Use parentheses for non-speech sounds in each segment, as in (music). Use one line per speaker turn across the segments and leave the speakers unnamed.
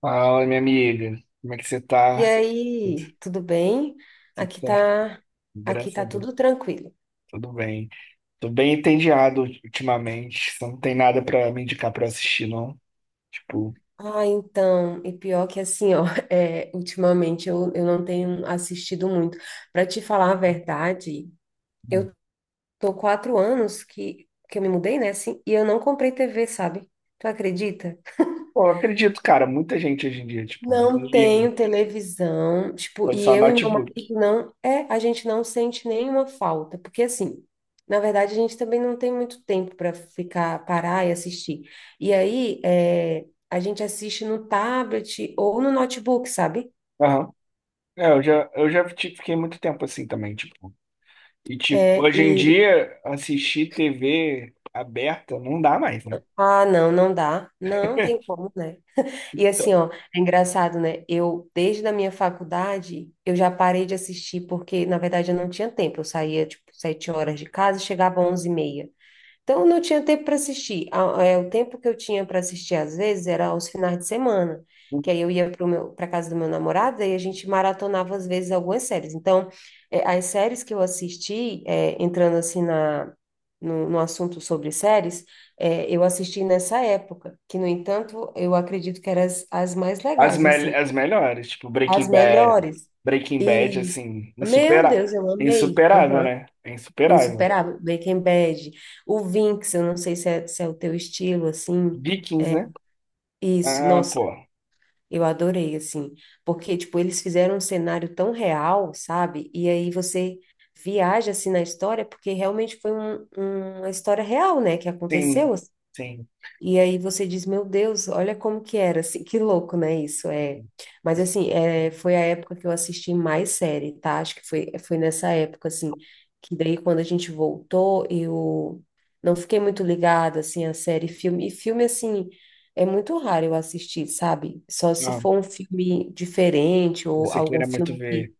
Fala, minha amiga. Como é que você
E
tá? Tudo,
aí, tudo bem?
tudo
Aqui
certo?
tá, aqui
Graças a
tá
Deus,
tudo tranquilo.
tudo bem. Tô bem entediado ultimamente. Você não tem nada pra me indicar pra eu assistir, não? Tipo,
Ah, então, e pior que assim, ó, (laughs) é, ultimamente eu não tenho assistido muito. Para te falar a verdade, eu tô 4 anos que eu me mudei, né, assim, e eu não comprei TV, sabe? Tu acredita?
pô, eu acredito, cara, muita gente hoje em dia, tipo, não
Não
liga.
tenho televisão, tipo,
Foi
e
só
eu e meu marido
notebook.
não, é, a gente não sente nenhuma falta, porque assim, na verdade a gente também não tem muito tempo para ficar, parar e assistir. E aí, é, a gente assiste no tablet ou no notebook, sabe?
Aham. É, eu já tipo, fiquei muito tempo assim também, tipo. E, tipo,
É,
hoje em
e,
dia, assistir TV aberta não dá mais, né?
ah, não, não dá, não tem como, né? E assim,
Então,
ó, é engraçado, né? Eu, desde a minha faculdade, eu já parei de assistir, porque, na verdade, eu não tinha tempo. Eu saía, tipo, 7 horas de casa e chegava às 11h30. Então, eu não tinha tempo para assistir. O tempo que eu tinha para assistir, às vezes, era aos finais de semana, que aí eu ia para casa do meu namorado e a gente maratonava, às vezes, algumas séries. Então, é, as séries que eu assisti, é, entrando assim na, no, no assunto sobre séries, é, eu assisti nessa época, que, no entanto, eu acredito que eram as mais
As,
legais,
mel
assim,
as melhores, tipo Breaking
as
Bad,
melhores.
Breaking
E,
Bad, assim,
meu
insupera
Deus, eu amei.
insuperável,
Aham.
né? É insuperável.
Insuperável. Breaking Bad. O Vinx, eu não sei se é o teu estilo, assim.
Vikings,
É,
né?
isso,
Ah,
nossa,
pô,
eu adorei, assim. Porque, tipo, eles fizeram um cenário tão real, sabe? E aí você viaja, assim, na história, porque realmente foi uma história real, né? Que
sim,
aconteceu,
sim.
e aí você diz, meu Deus, olha como que era, assim, que louco, né, isso, é. Mas assim, é, foi a época que eu assisti mais série, tá? Acho que foi nessa época, assim, que daí quando a gente voltou, eu não fiquei muito ligada, assim, a série, e filme, assim, é muito raro eu assistir, sabe? Só se
Ah,
for um filme diferente ou
você
algum
queira muito
filme
ver.
que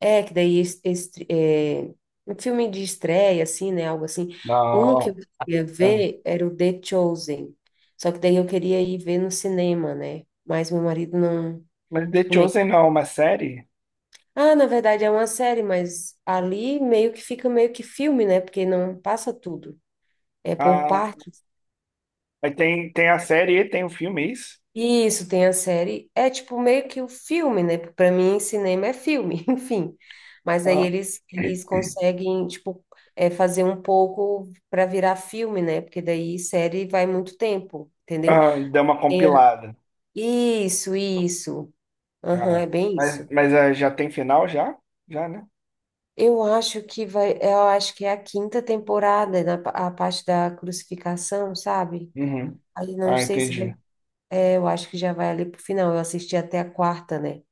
é, que daí um filme de estreia, assim, né? Algo assim. Um que eu
Não,
queria
ah.
ver era o The Chosen. Só que daí eu queria ir ver no cinema, né? Mas meu marido não.
Mas The
Tipo, meio que,
Chosen não é uma série?
ah, na verdade é uma série, mas ali meio que fica meio que filme, né? Porque não passa tudo. É por
Ah,
partes.
aí tem a série e tem o filme, é isso?
Isso, tem a série. É tipo meio que o filme, né? Pra mim, cinema é filme, (laughs) enfim. Mas aí
Ah,
eles conseguem, tipo, é, fazer um pouco para virar filme, né? Porque daí série vai muito tempo, entendeu?
ah, deu uma
Tem a-
compilada.
Isso, isso. Aham, é
Ah,
bem
mas
isso.
mas já tem final, já? Já, né?
Eu acho que vai, eu acho que é a quinta temporada, a parte da crucificação, sabe?
Uhum.
Aí não
Ah,
sei se vai.
entendi.
É, eu acho que já vai ali pro final. Eu assisti até a quarta, né?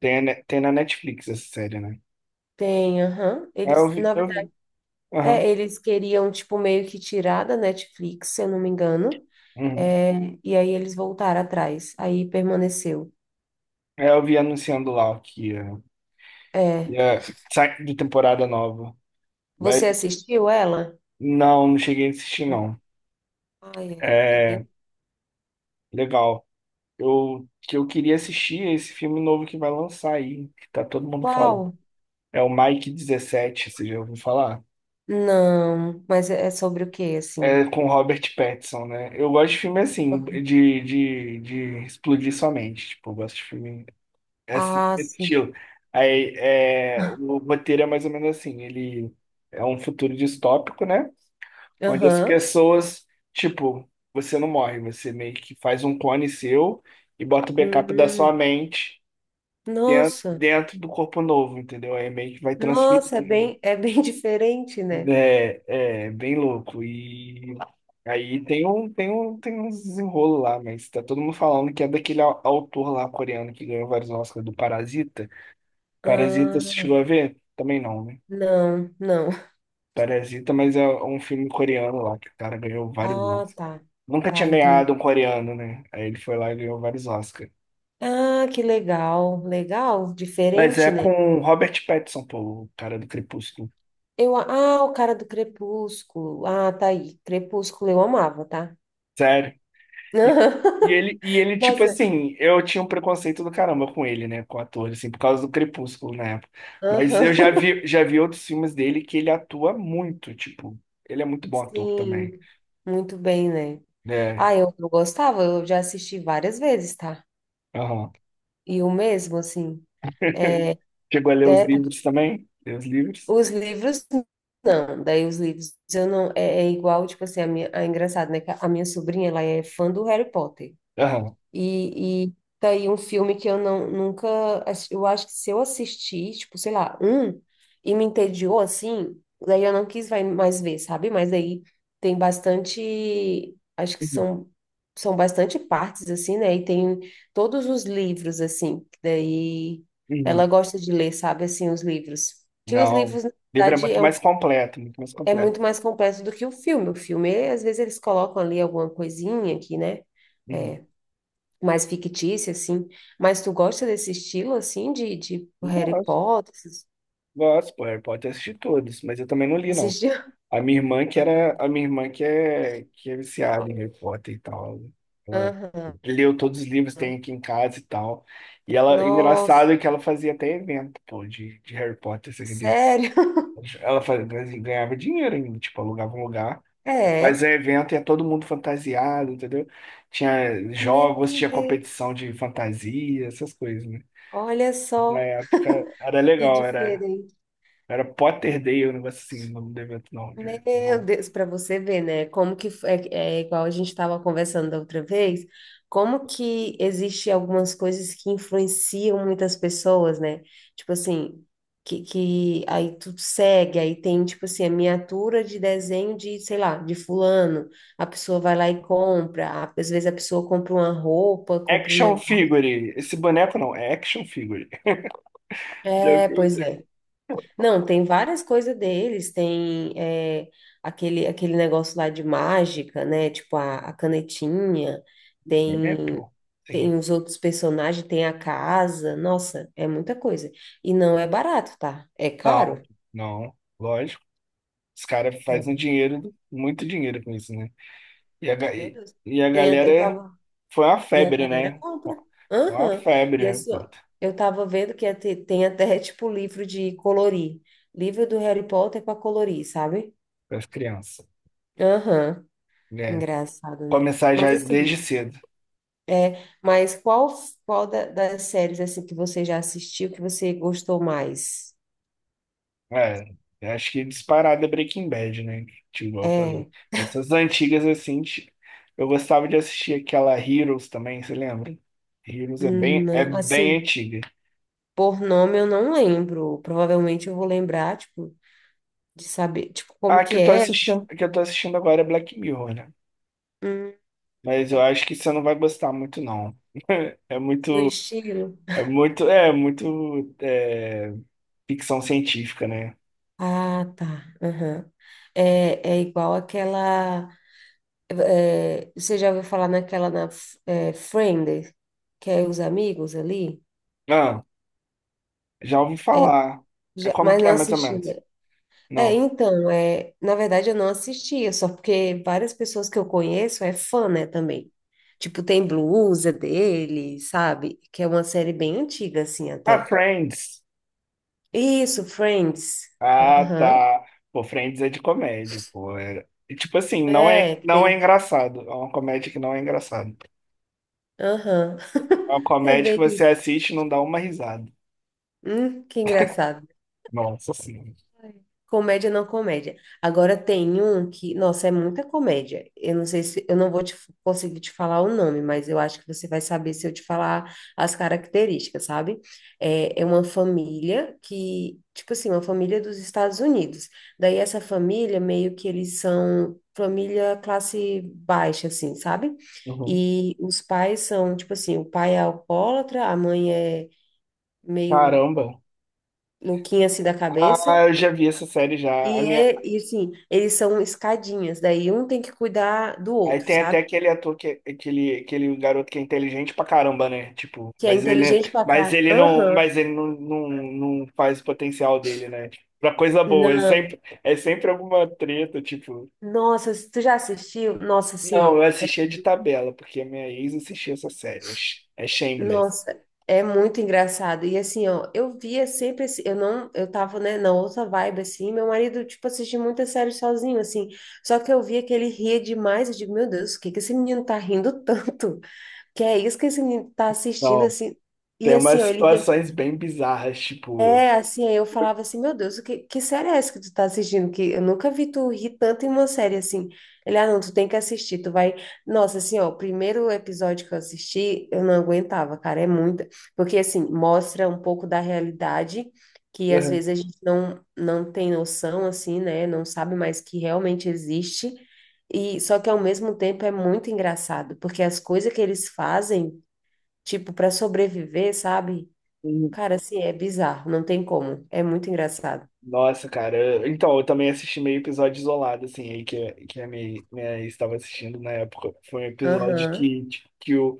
Tem na Netflix essa série, né?
Tem, aham.
É, eu
Eles,
vi,
na
eu vi. Aham,
É, eles queriam, tipo, meio que tirar da Netflix, se eu não me engano.
uhum.
É, e aí eles voltaram atrás. Aí permaneceu.
É, eu vi anunciando lá que ia,
É.
ia sai de temporada nova. Mas
Você assistiu ela?
não, não cheguei a assistir, não.
Ai, é bem.
É, legal. Que eu queria assistir é esse filme novo que vai lançar aí, que tá todo mundo falando.
Qual?
É o Mike 17 você já ouviu falar?
Não, mas é sobre o quê,
É
assim?
com Robert Pattinson, né? Eu gosto de filme assim, de, de explodir sua mente. Tipo, eu gosto de filme. É assim,
Ah,
esse
sim.
estilo. Aí, o roteiro é mais ou menos assim, ele é um futuro distópico, né? Onde as
Aham.
pessoas, tipo, você não morre, você meio que faz um clone seu e bota o backup da
Hum,
sua mente dentro,
nossa.
dentro do corpo novo, entendeu? Aí meio que vai transferir.
Nossa, é bem (laughs) diferente, né?
É, é bem louco. E aí tem uns desenrolo lá, mas tá todo mundo falando que é daquele autor lá coreano que ganhou vários Oscars do Parasita. Parasita, você
Ah,
chegou a ver? Também não, né?
não, não.
Parasita, mas é um filme coreano lá, que o cara ganhou vários
Ah,
Oscars.
tá.
Nunca tinha
Tá,
ganhado
entendi.
um coreano, né? Aí ele foi lá e ganhou vários Oscars.
Ah, que legal, legal,
Mas é
diferente, né?
com o Robert Pattinson, pô, o cara do Crepúsculo.
Eu, ah, o cara do Crepúsculo. Ah, tá aí. Crepúsculo eu amava, tá?
Sério. E, e ele, e
(laughs)
ele, tipo
Nossa,
assim, eu tinha um preconceito do caramba com ele, né? Com o ator, assim, por causa do Crepúsculo na época. Mas eu
aham.
já vi outros filmes dele que ele atua muito, tipo, ele é muito bom ator também.
Sim, muito bem, né?
É,
Ah, eu gostava, eu já assisti várias vezes, tá?
aham.
E o mesmo, assim, é,
Chegou a ler os
é,
livros também? Ler os livros?
os livros não, daí os livros eu não, é igual, tipo assim, a minha, é engraçado, né, que a minha sobrinha, ela é fã do Harry Potter.
Aham.
E tá aí um filme que eu não, nunca. Eu acho que se eu assistir, tipo, sei lá, um, e me entediou assim, daí eu não quis vai mais ver, sabe? Mas aí tem bastante. Acho que
Uhum.
são bastante partes, assim, né? E tem todos os livros, assim, que daí ela
Uhum.
gosta de ler, sabe? Assim, os livros. Que os
Não. O
livros, na
livro é
verdade,
muito mais completo, muito mais
é
completo.
muito mais completo do que o filme. O filme, às vezes, eles colocam ali alguma coisinha aqui, né?
Uhum.
É, mais fictícia, assim. Mas tu gosta desse estilo, assim, de Harry
Gosto,
Potter?
gosto, pô. Harry Potter eu assisti todos, mas eu também não li, não.
Assistiu?
A minha irmã que era, a
(laughs)
minha irmã que é viciada em Harry Potter e tal. Ela
Aham.
leu todos os livros que tem aqui em casa e tal.
Nossa,
Engraçado é que ela fazia até evento, pô, de Harry Potter, você acredita?
sério? (laughs)
Ela ganhava dinheiro ainda, tipo, alugava um lugar,
É.
fazia evento e ia todo mundo fantasiado, entendeu? Tinha
Meu
jogos, tinha
Deus,
competição de fantasia, essas coisas, né?
olha
Na
só
época era
que
legal, era,
diferente.
era Potter Day, um negócio assim, o nome do evento, não, né?
Meu
Não.
Deus, para você ver, né? Como que é igual a gente estava conversando da outra vez, como que existe algumas coisas que influenciam muitas pessoas, né? Tipo assim, que aí tu segue, aí tem tipo assim, a miniatura de desenho de, sei lá, de fulano. A pessoa vai lá e compra, às vezes a pessoa compra uma roupa, compra um
Action
negócio.
Figure. Esse boneco não, é Action Figure. (laughs) Já
É,
viu?
pois é. Não, tem várias coisas deles, tem é, aquele negócio lá de mágica, né? Tipo a canetinha,
É,
tem,
pô. Sim.
tem os outros personagens, tem a casa, nossa, é muita coisa. E não é barato, tá? É
Não,
caro.
não, lógico. Os caras fazem
É
dinheiro, muito dinheiro com isso, né? E a,
muito,
ga-
meu
e,
Deus.
e a
Tem, eu
galera
tava,
foi uma
e a
febre,
galera
né?
compra.
Foi uma
Aham. E
febre,
assim,
pô,
ó, eu tava vendo que ia tem até (laughs) tipo livro de colorir, livro do Harry Potter para colorir, sabe?
para as crianças.
Aham,
É.
engraçado, né?
Começar
Mas
já desde
assim,
cedo.
é, mas qual das séries assim que você já assistiu que você gostou mais?
É, eu acho que disparada é Breaking Bad, né? Tipo, igual eu falei.
É,
Essas antigas, assim, eu gostava de assistir aquela Heroes também, você lembra? Heroes é bem, é bem
assim,
antiga.
por nome eu não lembro. Provavelmente eu vou lembrar, tipo, de saber, tipo, como
Ah, que
que
eu tô
é,
assistindo,
assim,
que eu tô assistindo agora é Black Mirror, né?
hum,
Mas eu
é
acho que você não vai gostar muito, não. (laughs) É muito.
do estilo.
É muito ficção científica, né?
Ah, tá. Aham. É, é igual aquela. É, você já ouviu falar naquela, Friends, que é os amigos ali?
Ah, já ouvi
É,
falar. É como
mas
que é,
não
mais ou
assisti,
menos?
né? É,
Não.
então, é, na verdade eu não assistia, só porque várias pessoas que eu conheço é fã, né, também. Tipo, tem blusa dele, sabe? Que é uma série bem antiga, assim,
Ah,
até.
Friends.
Isso, Friends.
Ah,
Aham.
tá. Pô, Friends é de comédia, pô. E, tipo assim, não é,
É,
não é
tem.
engraçado. É uma comédia que não é engraçada.
Aham.
É
(laughs)
uma
É
comédia que
bem
você
isso.
assiste e não dá uma risada.
Que engraçado.
Nossa senhora.
Comédia não comédia. Agora tem um que, nossa, é muita comédia. Eu não sei se eu não vou te, conseguir te falar o nome, mas eu acho que você vai saber se eu te falar as características, sabe? É uma família que, tipo assim, uma família dos Estados Unidos. Daí essa família meio que eles são família classe baixa, assim, sabe?
Uhum.
E os pais são, tipo assim, o pai é alcoólatra, a mãe é meio
Caramba.
louquinha assim da cabeça.
Ah, eu já vi essa série já. A
E,
minha,
é, e assim, eles são escadinhas, daí um tem que cuidar do
Aí
outro,
tem até
sabe?
aquele ator que é- aquele aquele garoto que é inteligente pra caramba, né? Tipo,
Que é
mas ele
inteligente pra
mas
caralho.
ele não
Aham.
mas ele não faz o potencial dele, né? Tipo, pra coisa boa, é
Não.
sempre é sempre alguma treta, tipo.
Nossa, tu já assistiu? Nossa, assim,
Não, eu
ó.
assistia de tabela, porque a minha ex assistia essa série. É Shameless.
Nossa, é muito engraçado. E assim, ó, eu via sempre assim, eu não, eu tava, né, na outra vibe, assim, meu marido, tipo, assistia muita série sozinho, assim. Só que eu via que ele ria demais, eu digo, meu Deus, o que que esse menino tá rindo tanto? Que é isso que esse menino tá assistindo,
Não,
assim. E
tem
assim,
umas
ó, ele ria.
situações bem bizarras, tipo.
Assim, eu falava assim, meu Deus, o que, que série é essa que tu tá assistindo? Que eu nunca vi tu rir tanto em uma série assim. Ele, ah, não, tu tem que assistir, tu vai. Nossa, assim, ó, o primeiro episódio que eu assisti, eu não aguentava, cara, é muita. Porque, assim, mostra um pouco da realidade que às vezes a gente não, não tem noção, assim, né? Não sabe mais que realmente existe. E só que ao mesmo tempo é muito engraçado, porque as coisas que eles fazem, tipo, para sobreviver, sabe?
Uhum.
Cara, assim, é bizarro, não tem como. É muito engraçado.
Nossa, cara. Então, eu também assisti meio episódio isolado, assim, aí que a minha ex estava assistindo na época. Foi um episódio
Aham,
que, tipo,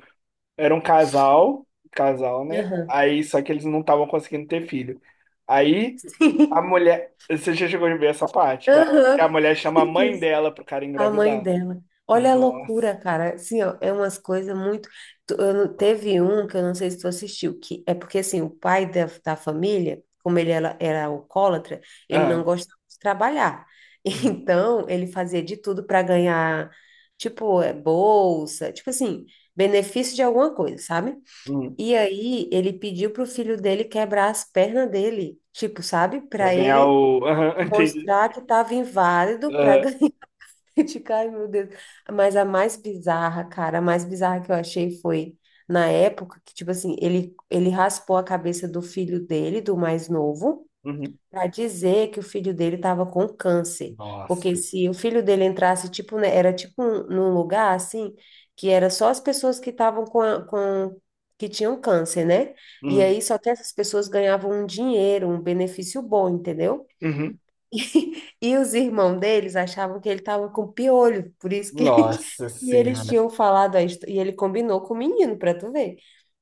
era um casal, casal, né?
aham.
Aí, só que eles não estavam conseguindo ter filho. Aí, a
(laughs)
mulher. Você já chegou a ver essa parte, que a
Aham.
mulher chama a
Meu
mãe
Deus.
dela pro cara
A mãe
engravidar.
dela. Olha a
Nossa.
loucura, cara. Assim, ó, é umas coisas muito. Tu- eu não- teve um que eu não sei se tu assistiu, que é porque, assim, o pai da família, como ele era, era alcoólatra, ele não
Aham.
gostava de trabalhar.
Uhum.
(laughs) Então, ele fazia de tudo para ganhar, tipo, é, bolsa, tipo assim, benefício de alguma coisa, sabe?
Uhum.
E aí ele pediu pro filho dele quebrar as pernas dele, tipo, sabe?
Pra
Para
ganhar
ele
o. Aham, (laughs) entendi.
mostrar que estava inválido para
Aham.
ganhar. (laughs) Tipo, ai, meu Deus. Mas a mais bizarra, cara, a mais bizarra que eu achei foi na época que, tipo assim, ele raspou a cabeça do filho dele, do mais novo
Uhum.
para dizer que o filho dele estava com câncer,
Nossa.
porque se o filho dele entrasse, tipo, né, era tipo um, num lugar assim, que era só as pessoas que estavam com, com que tinham câncer, né? E
Uhum.
aí só que essas pessoas ganhavam um dinheiro, um benefício bom, entendeu?
Uhum.
(laughs) E os irmãos deles achavam que ele estava com piolho, por isso que (laughs)
Nossa
e eles
senhora.
tinham falado e ele combinou com o menino, para tu ver.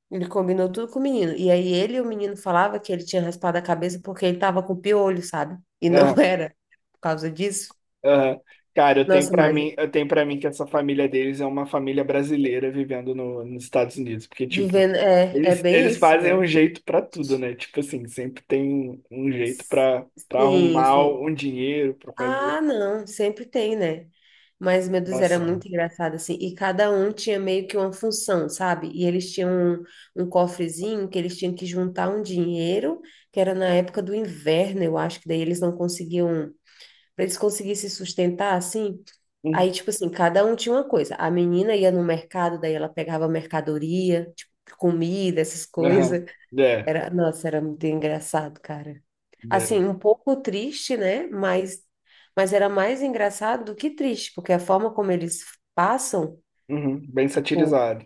Ele combinou tudo com o menino. E aí ele e o menino falava que ele tinha raspado a cabeça porque ele tava com piolho, sabe? E não (laughs) era por causa disso.
Aham. Cara, eu tenho
Nossa,
pra
mas
mim, eu tenho para mim que essa família deles é uma família brasileira vivendo no, nos Estados Unidos, porque tipo,
vivendo é,
eles,
bem
eles
isso,
fazem
né?
um jeito pra tudo, né? Tipo assim, sempre tem um jeito pra para
Sim,
arrumar
sim.
um dinheiro pra fazer
Ah, não, sempre tem, né? Mas, meu Deus, era
ação.
muito engraçado, assim. E cada um tinha meio que uma função, sabe? E eles tinham um, um cofrezinho que eles tinham que juntar um dinheiro, que era na época do inverno, eu acho que daí eles não conseguiam, para eles conseguirem se sustentar, assim. Aí,
Uhum.
tipo assim, cada um tinha uma coisa. A menina ia no mercado, daí ela pegava mercadoria, tipo, comida, essas coisas.
Aham. É,
Era, nossa, era muito engraçado, cara. Assim,
é.
um pouco triste, né? Mas, era mais engraçado do que triste, porque a forma como eles passam,
Uhum. Bem
tipo,
satirizado.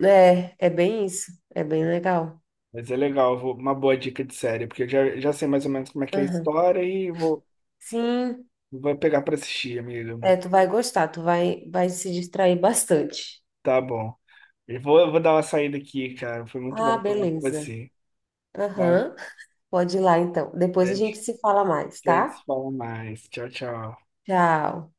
é bem isso. É bem legal.
Mas é legal, uma boa dica de série, porque eu já sei mais ou menos como é que é a
Aham.
história e vou,
Sim,
vou pegar pra assistir, amigo.
é, tu vai gostar, tu vai se distrair bastante.
Tá bom. Eu vou dar uma saída aqui, cara. Foi muito
Ah,
bom falar com
beleza.
você. Tá?
Aham. Pode ir lá, então.
A
Depois a gente
gente
se fala mais,
a gente
tá?
se fala mais. Tchau, tchau.
Tchau.